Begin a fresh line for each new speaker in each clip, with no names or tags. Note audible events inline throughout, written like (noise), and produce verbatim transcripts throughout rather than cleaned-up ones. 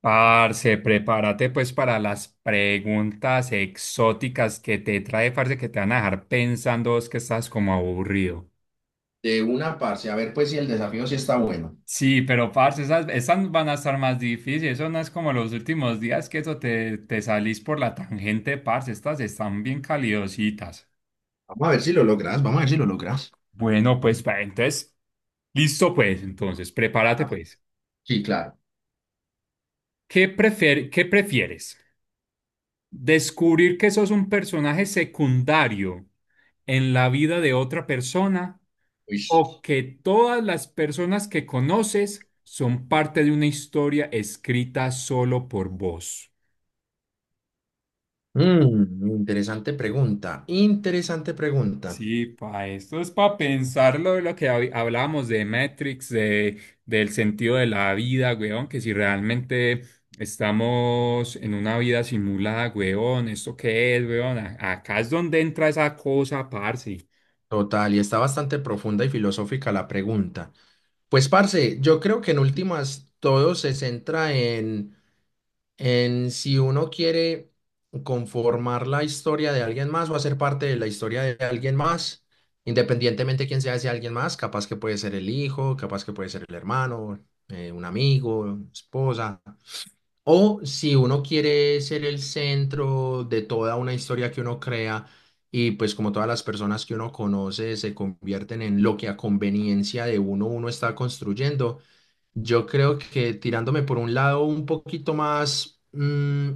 Parce, prepárate pues para las preguntas exóticas que te trae, parce, que te van a dejar pensando vos que estás como aburrido.
De una, parce. A ver, pues, si el desafío sí está bueno.
Sí, pero parce, esas, esas van a estar más difíciles. Eso no es como los últimos días que eso te, te salís por la tangente, parce. Estas están bien calidositas.
Vamos a ver si lo logras. Vamos a ver si lo logras.
Bueno, pues, pa- entonces, listo pues, entonces, prepárate
Ah,
pues.
sí, claro.
¿Qué prefier- Qué prefieres? ¿Descubrir que sos un personaje secundario en la vida de otra persona,
Uish.
o que todas las personas que conoces son parte de una historia escrita solo por vos?
Mm, interesante pregunta, interesante pregunta.
Sí, pa, esto es para pensarlo, lo que hab- hablábamos de Matrix, de, del sentido de la vida, weón, que si realmente estamos en una vida simulada, weón, ¿esto qué es, weón? A- Acá es donde entra esa cosa, parce.
Total, y está bastante profunda y filosófica la pregunta. Pues, parce, yo creo que en últimas todo se centra en en si uno quiere conformar la historia de alguien más o hacer parte de la historia de alguien más, independientemente de quién sea ese alguien más, capaz que puede ser el hijo, capaz que puede ser el hermano, eh, un amigo, esposa, o si uno quiere ser el centro de toda una historia que uno crea. Y pues como todas las personas que uno conoce se convierten en lo que a conveniencia de uno uno está construyendo, yo creo que tirándome por un lado un poquito más, mm,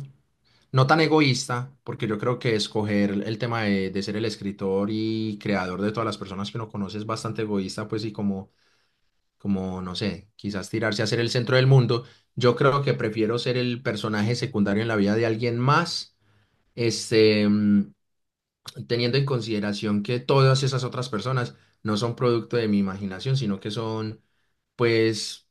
no tan egoísta, porque yo creo que escoger el tema de, de ser el escritor y creador de todas las personas que uno conoce es bastante egoísta, pues y como, como, no sé, quizás tirarse a ser el centro del mundo. Yo creo que prefiero ser el personaje secundario en la vida de alguien más, este, mm, teniendo en consideración que todas esas otras personas no son producto de mi imaginación, sino que son, pues,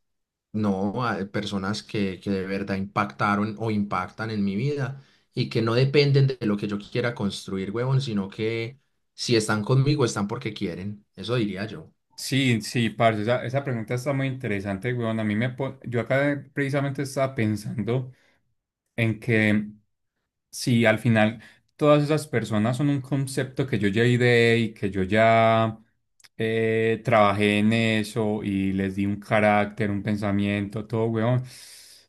no, a- personas que, que de verdad impactaron o impactan en mi vida y que no dependen de lo que yo quiera construir, huevón, sino que si están conmigo, están porque quieren. Eso diría yo.
Sí, sí, parce, esa, esa pregunta está muy interesante, weón. A mí me, po- yo acá precisamente estaba pensando en que, sí, al final todas esas personas son un concepto que yo ya ideé y que yo ya, eh, trabajé en eso y les di un carácter, un pensamiento, todo, weón.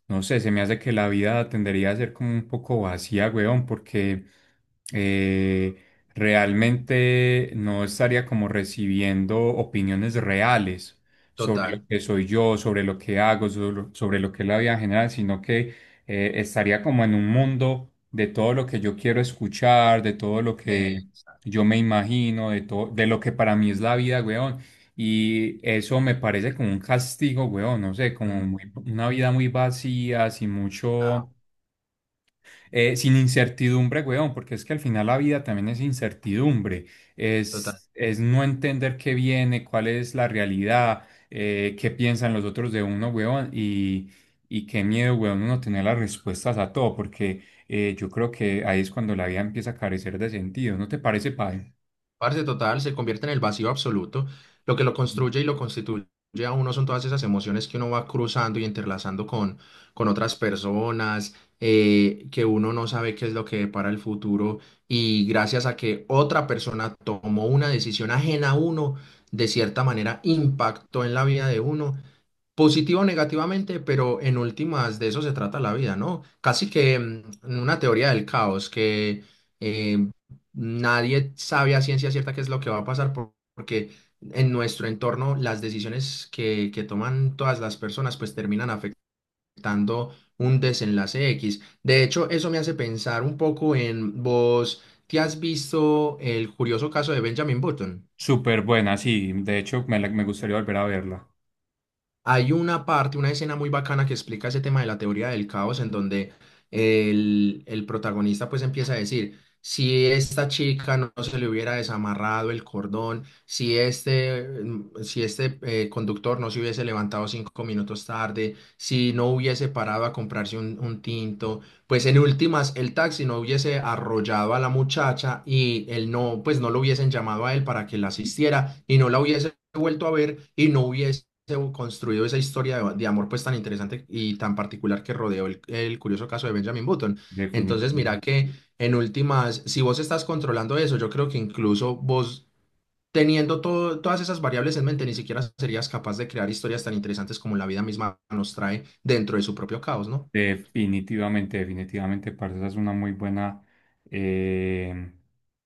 No sé, se me hace que la vida tendería a ser como un poco vacía, weón, porque eh, realmente no estaría como recibiendo opiniones reales sobre lo
Total.
que soy yo, sobre lo que hago, sobre sobre lo que es la vida en general, sino que eh, estaría como en un mundo de todo lo que yo quiero escuchar, de todo lo que
Eh,
yo me imagino, de todo, de lo que para mí es la vida, weón. Y eso me parece como un castigo, weón, no sé, como muy,
Mm,
una vida muy vacía, sin
ah,
mucho, eh, sin incertidumbre, weón, porque es que al final la vida también es incertidumbre,
total.
es, es no entender qué viene, cuál es la realidad, eh, qué piensan los otros de uno, weón, y, y qué miedo, weón, uno tener las respuestas a todo, porque eh, yo creo que ahí es cuando la vida empieza a carecer de sentido, ¿no te parece, padre?
Parce total, se convierte en el vacío absoluto. Lo que lo
Ujú.
construye y lo constituye a uno son todas esas emociones que uno va cruzando y entrelazando con, con otras personas, eh, que uno no sabe qué es lo que depara el futuro. Y gracias a que otra persona tomó una decisión ajena a uno, de cierta manera impactó en la vida de uno positivo o negativamente, pero en últimas de eso se trata la vida, ¿no? Casi que mm, una teoría del caos, que eh, nadie sabe a ciencia cierta qué es lo que va a pasar, por- porque en nuestro entorno las decisiones que, que toman todas las personas pues terminan afectando un desenlace X. De hecho, eso me hace pensar un poco en vos, ¿te has visto El curioso caso de Benjamin Button?
Súper buena, sí, de hecho me, la- me gustaría volver a verla,
Hay una parte, una escena muy bacana que explica ese tema de la teoría del caos, en donde el, el protagonista pues empieza a decir, si esta chica no se le hubiera desamarrado el cordón, si este, mm, si este eh, conductor no se hubiese levantado cinco minutos tarde, si no hubiese parado a comprarse un, un tinto, pues en últimas el taxi no hubiese arrollado a la muchacha y él no, pues no lo hubiesen llamado a él para que la asistiera y no la hubiese vuelto a ver y no hubiese se u- construido esa historia de, de amor pues tan interesante y tan particular que rodeó el, el curioso caso de Benjamin Button. Entonces,
definitiva.
mira que en últimas, si vos estás controlando eso, yo creo que incluso vos teniendo todo, todas esas variables en mente, ni siquiera serías capaz de crear historias tan interesantes como la vida misma nos trae dentro de su propio caos, ¿no?
Definitivamente, definitivamente, parce, esa es una muy buena, eh,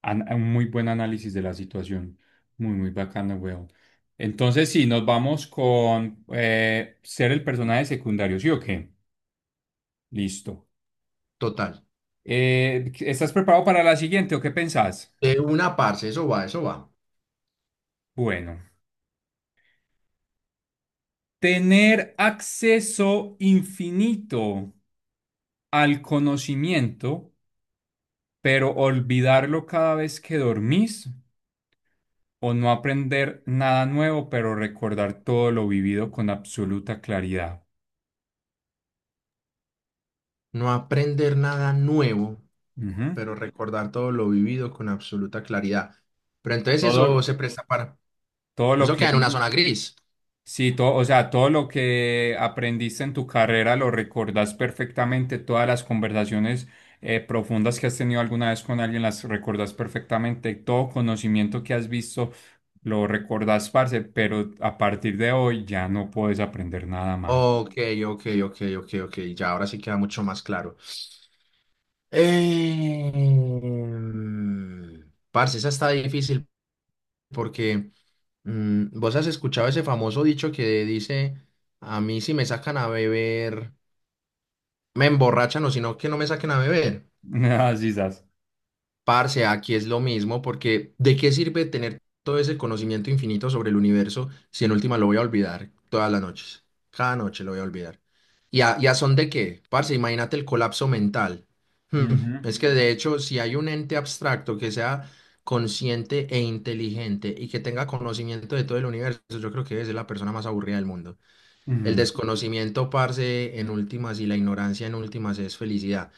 an- un muy buen análisis de la situación. Muy, muy bacana, weón. Entonces, sí, nos vamos con eh, ser el personaje secundario, ¿sí o qué? Listo.
Total.
Eh, ¿estás preparado para la siguiente o qué pensás?
De una parte, eso va, eso va.
Bueno, tener acceso infinito al conocimiento, pero olvidarlo cada vez que dormís, o no aprender nada nuevo, pero recordar todo lo vivido con absoluta claridad.
No aprender nada nuevo,
Ujú.
pero recordar todo lo vivido con absoluta claridad. Pero entonces
Todo,
eso se presta para...
todo lo
Eso
que,
queda en
vi-
una zona gris.
sí, todo, o sea, todo lo que aprendiste en tu carrera lo recordas perfectamente, todas las conversaciones eh, profundas que has tenido alguna vez con alguien las recordas perfectamente, todo conocimiento que has visto lo recordas, parce, pero a partir de hoy ya no puedes aprender nada más.
Ok, ok, ok, ok, ok. Ya ahora sí queda mucho más claro. Em, parce, esa está difícil porque mm, vos has escuchado ese famoso dicho que dice, a mí si me sacan a beber, me emborrachan o si no, que no me saquen a beber.
(laughs) Así es.
Parce, aquí es lo mismo, porque ¿de qué sirve tener todo ese conocimiento infinito sobre el universo si en última lo voy a olvidar todas las noches? Cada noche lo voy a olvidar. ¿Y a, y a son de qué? Parce, imagínate el colapso mental. Hmm,
Ujú,
Es que de hecho, si hay un ente abstracto que sea consciente e inteligente y que tenga conocimiento de todo el universo, yo creo que es la persona más aburrida del mundo. El
ujú.
desconocimiento, parce, en últimas y la ignorancia en últimas es felicidad.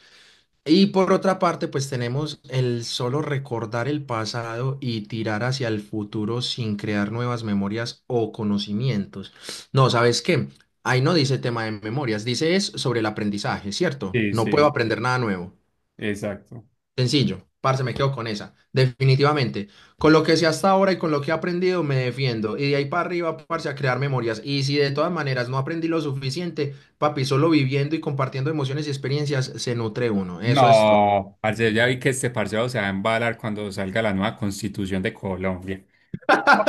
Y por otra parte, pues tenemos el solo recordar el pasado y tirar hacia el futuro sin crear nuevas memorias o conocimientos. No, ¿sabes qué? Ahí no dice tema de memorias, dice es sobre el aprendizaje, ¿cierto?
Sí,
No puedo
sí,
aprender nada nuevo.
exacto.
Sencillo, parce, me quedo con esa. Definitivamente. Con lo que sé hasta ahora y con lo que he aprendido, me defiendo. Y de ahí para arriba, parce, a crear memorias. Y si de todas maneras no aprendí lo suficiente, papi, solo viviendo y compartiendo emociones y experiencias se nutre uno. Eso es todo.
No, parce, ya vi que este parcero se va a embalar cuando salga la nueva constitución de Colombia.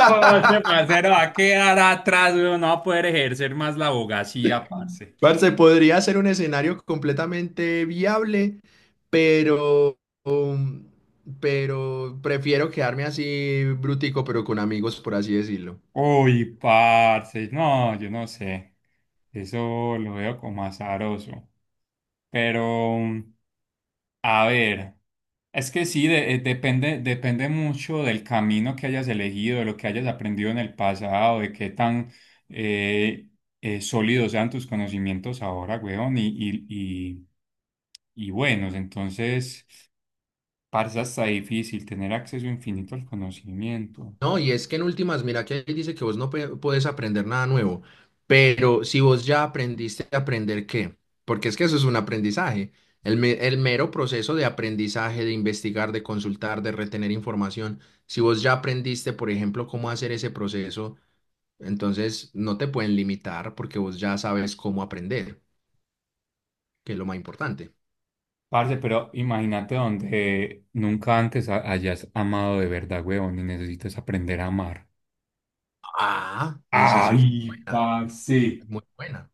Oh, este parcero va a quedar atrás, weón, no va a poder ejercer más la abogacía, parce.
Parce, podría ser un escenario completamente viable, pero, um, pero prefiero quedarme así brutico, pero con amigos, por así decirlo.
Uy, parce, no, yo no sé. Eso lo veo como azaroso. Pero, mm, a ver, es que sí, de- eh, depende, depende mucho del camino que hayas elegido, de lo que hayas aprendido en el pasado, de qué tan eh, eh, sólidos sean tus conocimientos ahora, weón, y, y, y, y buenos. Entonces, parce, hasta difícil tener acceso infinito al conocimiento.
No, y es que en últimas, mira que ahí dice que vos no pe- puedes aprender nada nuevo, pero si vos ya aprendiste a aprender qué, porque es que eso es un aprendizaje. El, me- el mero proceso de aprendizaje, de investigar, de consultar, de retener información. Si vos ya aprendiste, por ejemplo, cómo hacer ese proceso. Entonces, no te pueden limitar porque vos ya sabes cómo aprender, que es lo más importante.
Parce, pero imagínate donde nunca antes ha- hayas amado de verdad, weón, y necesitas aprender a amar.
Ah, esa es muy
Ay,
buena,
parce.
es muy buena.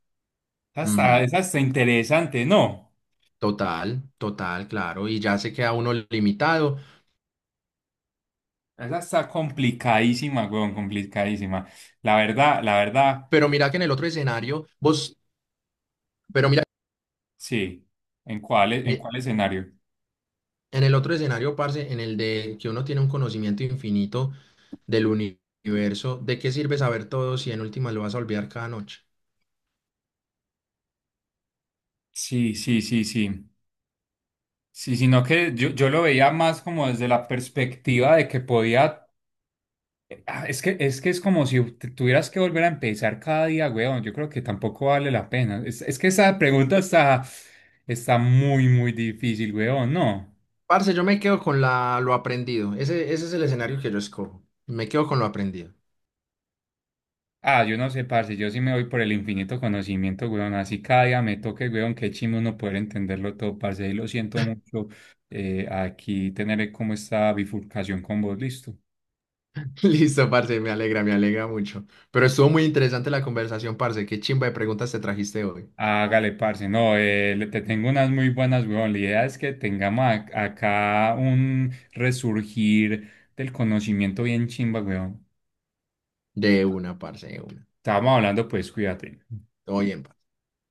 Esa está,
Ujú.
esa está interesante, no.
Total, total, claro. Y ya se queda uno limitado.
Esa está complicadísima, weón, complicadísima. La verdad, la verdad,
Pero mira que en el otro escenario, vos, pero mira,
sí. ¿En cuál, e- en
mi-
cuál escenario?
en el otro escenario, parce, en el de que uno tiene un conocimiento infinito del uni- universo, ¿de qué sirve saber todo si en última lo vas a olvidar cada noche?
Sí, sí, sí, sí. Sí, sino que yo, yo lo veía más como desde la perspectiva de que podía. Ah, es que, es que es como si te tuvieras que volver a empezar cada día, weón. Yo creo que tampoco vale la pena. Es, es que esa pregunta está, está muy, muy difícil, weón, ¿no?
Parce, yo me quedo con la, lo aprendido. Ese, ese es el escenario que yo escojo. Me quedo con lo aprendido.
Ah, yo no sé, parce, yo sí me voy por el infinito conocimiento, weón. Así cada día me toque, weón, qué chimbo uno poder entenderlo todo, parce. Y lo siento mucho, eh, aquí tener como esta bifurcación con vos, listo.
(laughs) Listo, parce, me alegra, me alegra mucho. Pero estuvo muy interesante la conversación, parce. Qué chimba de preguntas te trajiste hoy.
Hágale, parce. No, eh, le- te tengo unas muy buenas, weón. La idea es que tengamos ac- acá un resurgir del conocimiento bien chimba, weón.
De una, parce, de una.
Estábamos hablando, pues, cuídate.
Todo bien.